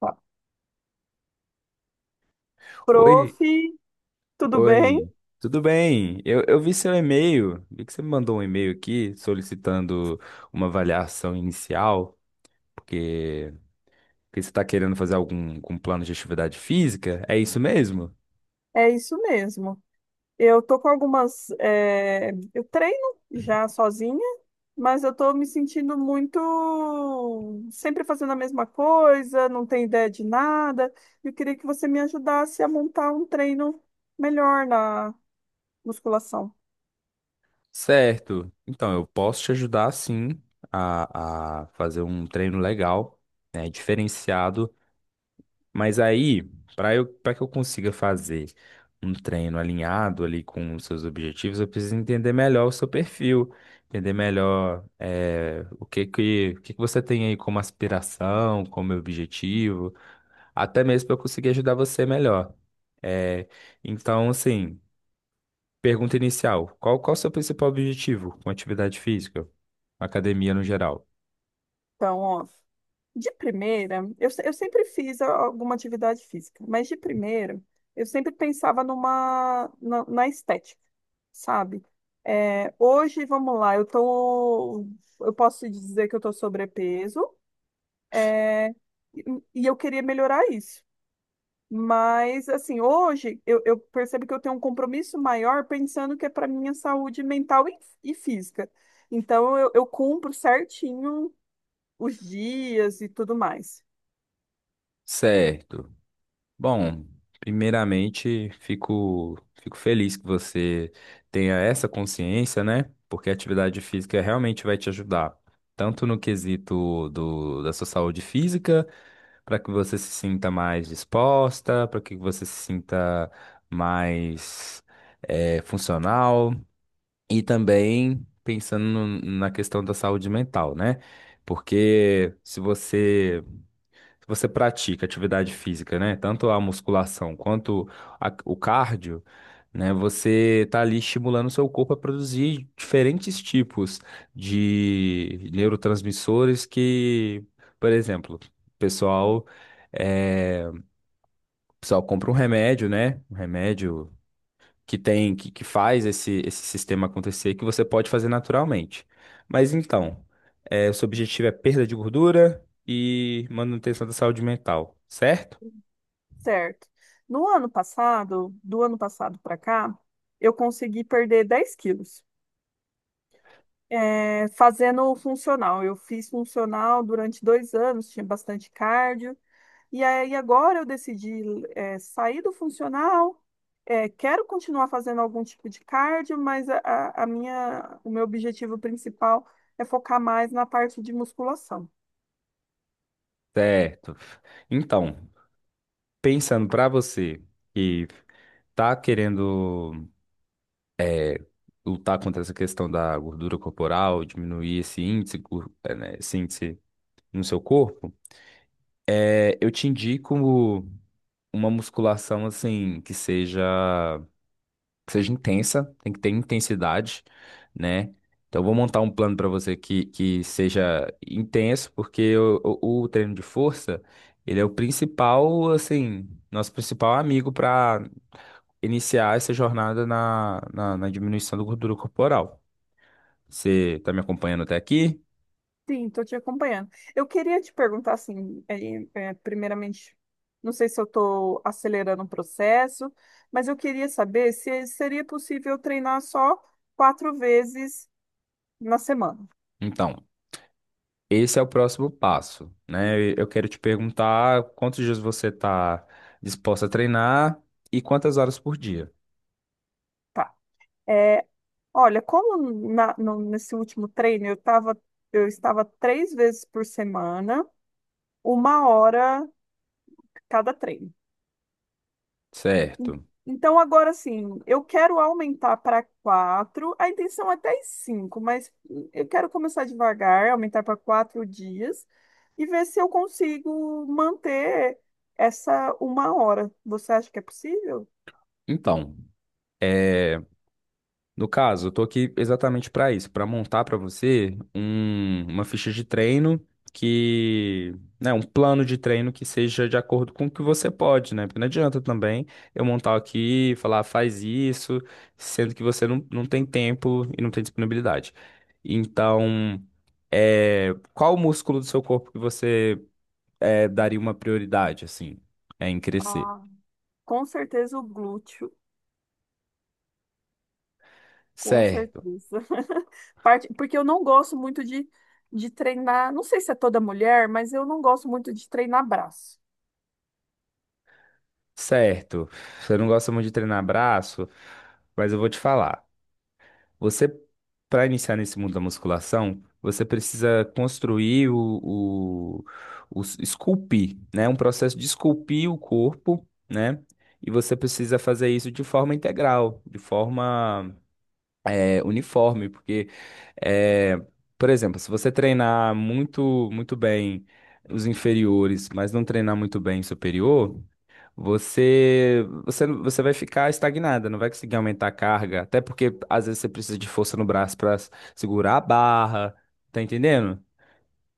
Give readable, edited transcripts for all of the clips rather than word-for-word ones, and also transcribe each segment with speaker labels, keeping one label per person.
Speaker 1: Ó, Prof,
Speaker 2: Oi,
Speaker 1: tudo bem?
Speaker 2: oi, tudo bem? Eu vi seu e-mail, vi que você me mandou um e-mail aqui solicitando uma avaliação inicial, porque, porque você está querendo fazer algum plano de atividade física, é isso mesmo?
Speaker 1: É isso mesmo. Eu tô com algumas. Eu treino já sozinha, mas eu tô me sentindo muito. Sempre fazendo a mesma coisa, não tenho ideia de nada. Eu queria que você me ajudasse a montar um treino melhor na musculação.
Speaker 2: Certo, então eu posso te ajudar sim a fazer um treino legal, né, diferenciado. Mas aí, para que eu consiga fazer um treino alinhado ali com os seus objetivos, eu preciso entender melhor o seu perfil, entender melhor o que que você tem aí como aspiração, como objetivo, até mesmo para eu conseguir ajudar você melhor. Eh, então, assim, pergunta inicial: qual o seu principal objetivo com atividade física, academia no geral?
Speaker 1: Então, ó, de primeira, eu, se- eu sempre fiz alguma atividade física, mas de primeira, eu sempre pensava numa, na na estética. Sabe? Hoje, vamos lá, eu posso dizer que eu tô sobrepeso e, e eu queria melhorar isso. Mas, assim, hoje eu percebo que eu tenho um compromisso maior pensando que é para minha saúde mental e física. Então, eu cumpro certinho os dias e tudo mais,
Speaker 2: Certo. Bom, primeiramente, fico feliz que você tenha essa consciência, né? Porque a atividade física realmente vai te ajudar, tanto no quesito da sua saúde física, para que você se sinta mais disposta, para que você se sinta mais funcional, e também pensando no- na questão da saúde mental, né? Porque se você pratica atividade física, né? Tanto a musculação quanto o cardio, né? Você está ali estimulando o seu corpo a produzir diferentes tipos de neurotransmissores que, por exemplo, o pessoal compra um remédio, né? Um remédio que faz esse sistema acontecer que você pode fazer naturalmente. Mas então, é, o seu objetivo é perda de gordura e manutenção da saúde mental, certo?
Speaker 1: certo? No ano passado, do ano passado para cá, eu consegui perder 10 quilos, fazendo funcional. Eu fiz funcional durante 2 anos, tinha bastante cardio, e aí agora eu decidi, sair do funcional. Quero continuar fazendo algum tipo de cardio, mas o meu objetivo principal é focar mais na parte de musculação.
Speaker 2: Certo. Então, pensando para você que tá querendo lutar contra essa questão da gordura corporal, diminuir esse índice, esse índice no seu corpo, eu te indico uma musculação assim que seja intensa, tem que ter intensidade, né? Então, eu vou montar um plano para você que seja intenso, porque o treino de força, ele é o principal, assim, nosso principal amigo para iniciar essa jornada na diminuição da gordura corporal. Você está me acompanhando até aqui?
Speaker 1: Sim, estou te acompanhando. Eu queria te perguntar, assim, primeiramente, não sei se eu estou acelerando o processo, mas eu queria saber se seria possível treinar só 4 vezes na semana.
Speaker 2: Então, esse é o próximo passo, né? Eu quero te perguntar quantos dias você está disposto a treinar e quantas horas por dia,
Speaker 1: Tá. É, olha, como nesse último treino eu estava 3 vezes por semana, 1 hora cada treino.
Speaker 2: certo?
Speaker 1: Então, agora sim, eu quero aumentar para quatro. A intenção é até cinco, mas eu quero começar devagar, aumentar para 4 dias e ver se eu consigo manter essa 1 hora. Você acha que é possível?
Speaker 2: Então, é, no caso, eu tô aqui exatamente para isso, para montar para você uma ficha de treino que, né, um plano de treino que seja de acordo com o que você pode, né? Porque não adianta também eu montar aqui e falar, "Ah, faz isso", sendo que você não, não tem tempo e não tem disponibilidade. Então, é, qual o músculo do seu corpo que você daria uma prioridade, assim, em crescer?
Speaker 1: Ah, com certeza o glúteo, com
Speaker 2: Certo.
Speaker 1: certeza. Parte, porque eu não gosto muito de treinar, não sei se é toda mulher, mas eu não gosto muito de treinar braço.
Speaker 2: Certo, você não gosta muito de treinar braço, mas eu vou te falar. Você, para iniciar nesse mundo da musculação, você precisa construir esculpir, né? Um processo de esculpir o corpo, né? E você precisa fazer isso de forma integral, de forma uniforme, porque, eh, por exemplo, se você treinar muito, muito bem os inferiores, mas não treinar muito bem o superior, você vai ficar estagnada, não vai conseguir aumentar a carga. Até porque às vezes você precisa de força no braço para segurar a barra, tá entendendo?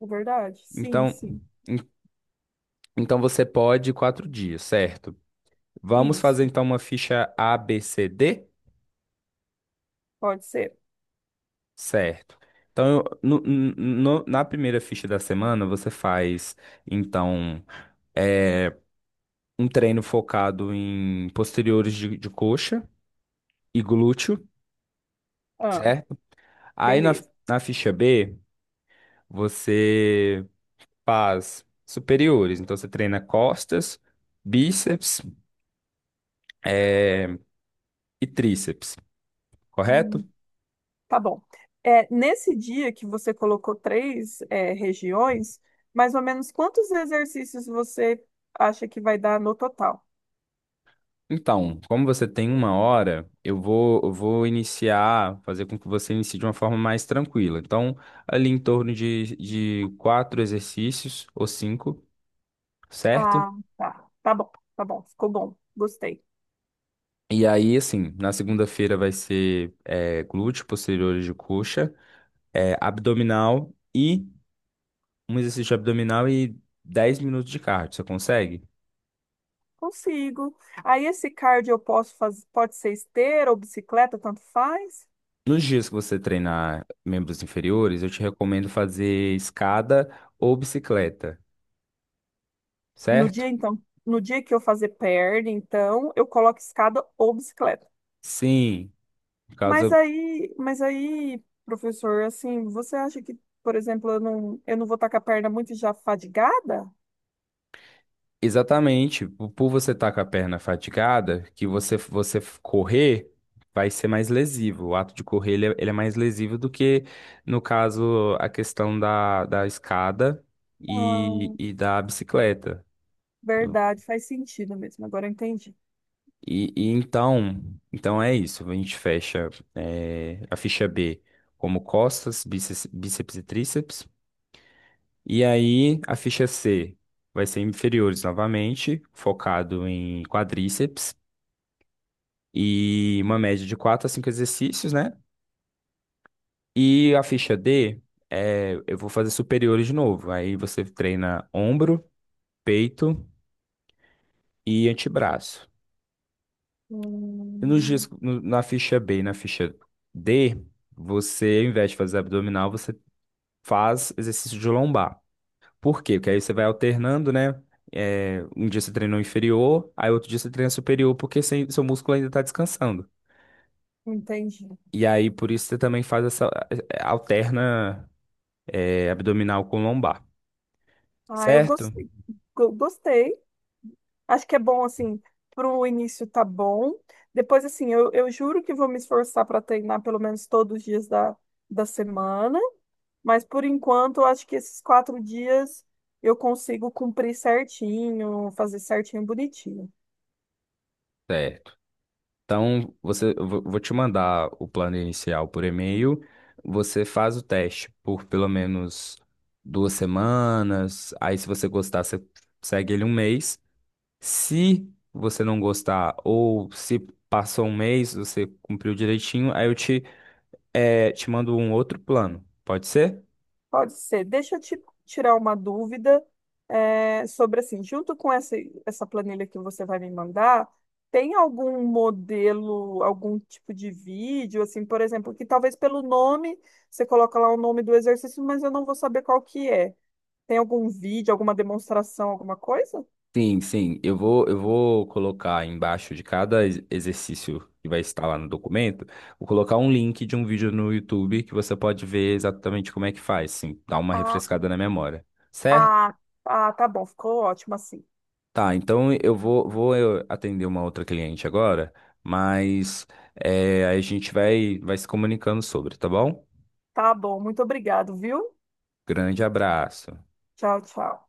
Speaker 1: É verdade? Sim,
Speaker 2: Então,
Speaker 1: sim.
Speaker 2: en- então você pode 4 dias, certo? Vamos
Speaker 1: Isso,
Speaker 2: fazer então uma ficha A, B, C, D,
Speaker 1: pode ser.
Speaker 2: certo? Então, na primeira ficha da semana, você faz, então, é, um treino focado em posteriores de coxa e glúteo,
Speaker 1: Ah,
Speaker 2: certo? Aí na,
Speaker 1: beleza.
Speaker 2: na ficha B, você faz superiores. Então, você treina costas, bíceps, eh, e tríceps, correto?
Speaker 1: Hum, tá bom. Nesse dia que você colocou três, regiões, mais ou menos quantos exercícios você acha que vai dar no total?
Speaker 2: Então, como você tem uma hora, eu vou iniciar, fazer com que você inicie de uma forma mais tranquila. Então, ali em torno de quatro exercícios ou cinco, certo?
Speaker 1: Ah, tá. Tá bom, tá bom. Ficou bom. Gostei.
Speaker 2: E aí, assim, na segunda-feira vai ser glúteo, posteriores de coxa, eh, abdominal. E um exercício abdominal e 10 minutos de cardio. Você consegue?
Speaker 1: Consigo. Aí esse cardio eu posso fazer, pode ser esteira ou bicicleta, tanto faz.
Speaker 2: Nos dias que você treinar membros inferiores, eu te recomendo fazer escada ou bicicleta,
Speaker 1: No
Speaker 2: certo?
Speaker 1: dia, então, no dia que eu fazer perna, então, eu coloco escada ou bicicleta.
Speaker 2: Sim, por
Speaker 1: Mas
Speaker 2: causa,
Speaker 1: aí, mas aí, professor, assim, você acha que, por exemplo, eu não vou estar com a perna muito já fadigada?
Speaker 2: exatamente por você estar com a perna fatigada, que você correr vai ser mais lesivo. O ato de correr, ele é mais lesivo do que no caso a questão da escada e,
Speaker 1: Ah,
Speaker 2: e da bicicleta.
Speaker 1: verdade, faz sentido mesmo. Agora eu entendi.
Speaker 2: E então é isso. A gente fecha a ficha B como costas, bíceps e tríceps. E aí a ficha C vai ser inferiores novamente, focado em quadríceps e uma média de 4 a 5 exercícios, né? E a ficha D, eu vou fazer superiores de novo. Aí você treina ombro, peito e antebraço. E nos dias,
Speaker 1: Hum,
Speaker 2: na ficha B e na ficha D, você, ao invés de fazer abdominal, você faz exercício de lombar. Por quê? Porque aí você vai alternando, né? É, um dia você treinou inferior, aí outro dia você treina superior, porque seu músculo ainda está descansando.
Speaker 1: entendi.
Speaker 2: E aí, por isso, você também faz essa, abdominal com lombar,
Speaker 1: Ah, eu
Speaker 2: certo?
Speaker 1: gostei. Gostei. Acho que é bom, assim, para o início tá bom. Depois, assim, eu juro que vou me esforçar para treinar pelo menos todos os dias da semana. Mas por enquanto, eu acho que esses 4 dias eu consigo cumprir certinho, fazer certinho, bonitinho.
Speaker 2: Certo. Então, você, eu vou te mandar o plano inicial por e-mail. Você faz o teste por pelo menos 2 semanas. Aí, se você gostar, você segue ele um mês. Se você não gostar ou se passou um mês, você cumpriu direitinho, aí eu te mando um outro plano. Pode ser?
Speaker 1: Pode ser. Deixa eu te tirar uma dúvida, sobre assim, junto com essa planilha que você vai me mandar, tem algum modelo, algum tipo de vídeo, assim, por exemplo, que talvez pelo nome, você coloca lá o nome do exercício, mas eu não vou saber qual que é. Tem algum vídeo, alguma demonstração, alguma coisa?
Speaker 2: Sim, sim. Eu vou colocar embaixo de cada exercício que vai estar lá no documento, vou colocar um link de um vídeo no YouTube que você pode ver exatamente como é que faz, sim, dar uma
Speaker 1: Ah,
Speaker 2: refrescada na memória. Certo?
Speaker 1: ah, ah, tá bom, ficou ótimo assim.
Speaker 2: Tá, então vou eu atender uma outra cliente agora, mas aí a gente vai se comunicando sobre, tá bom?
Speaker 1: Tá bom, muito obrigado, viu?
Speaker 2: Grande abraço.
Speaker 1: Tchau, tchau.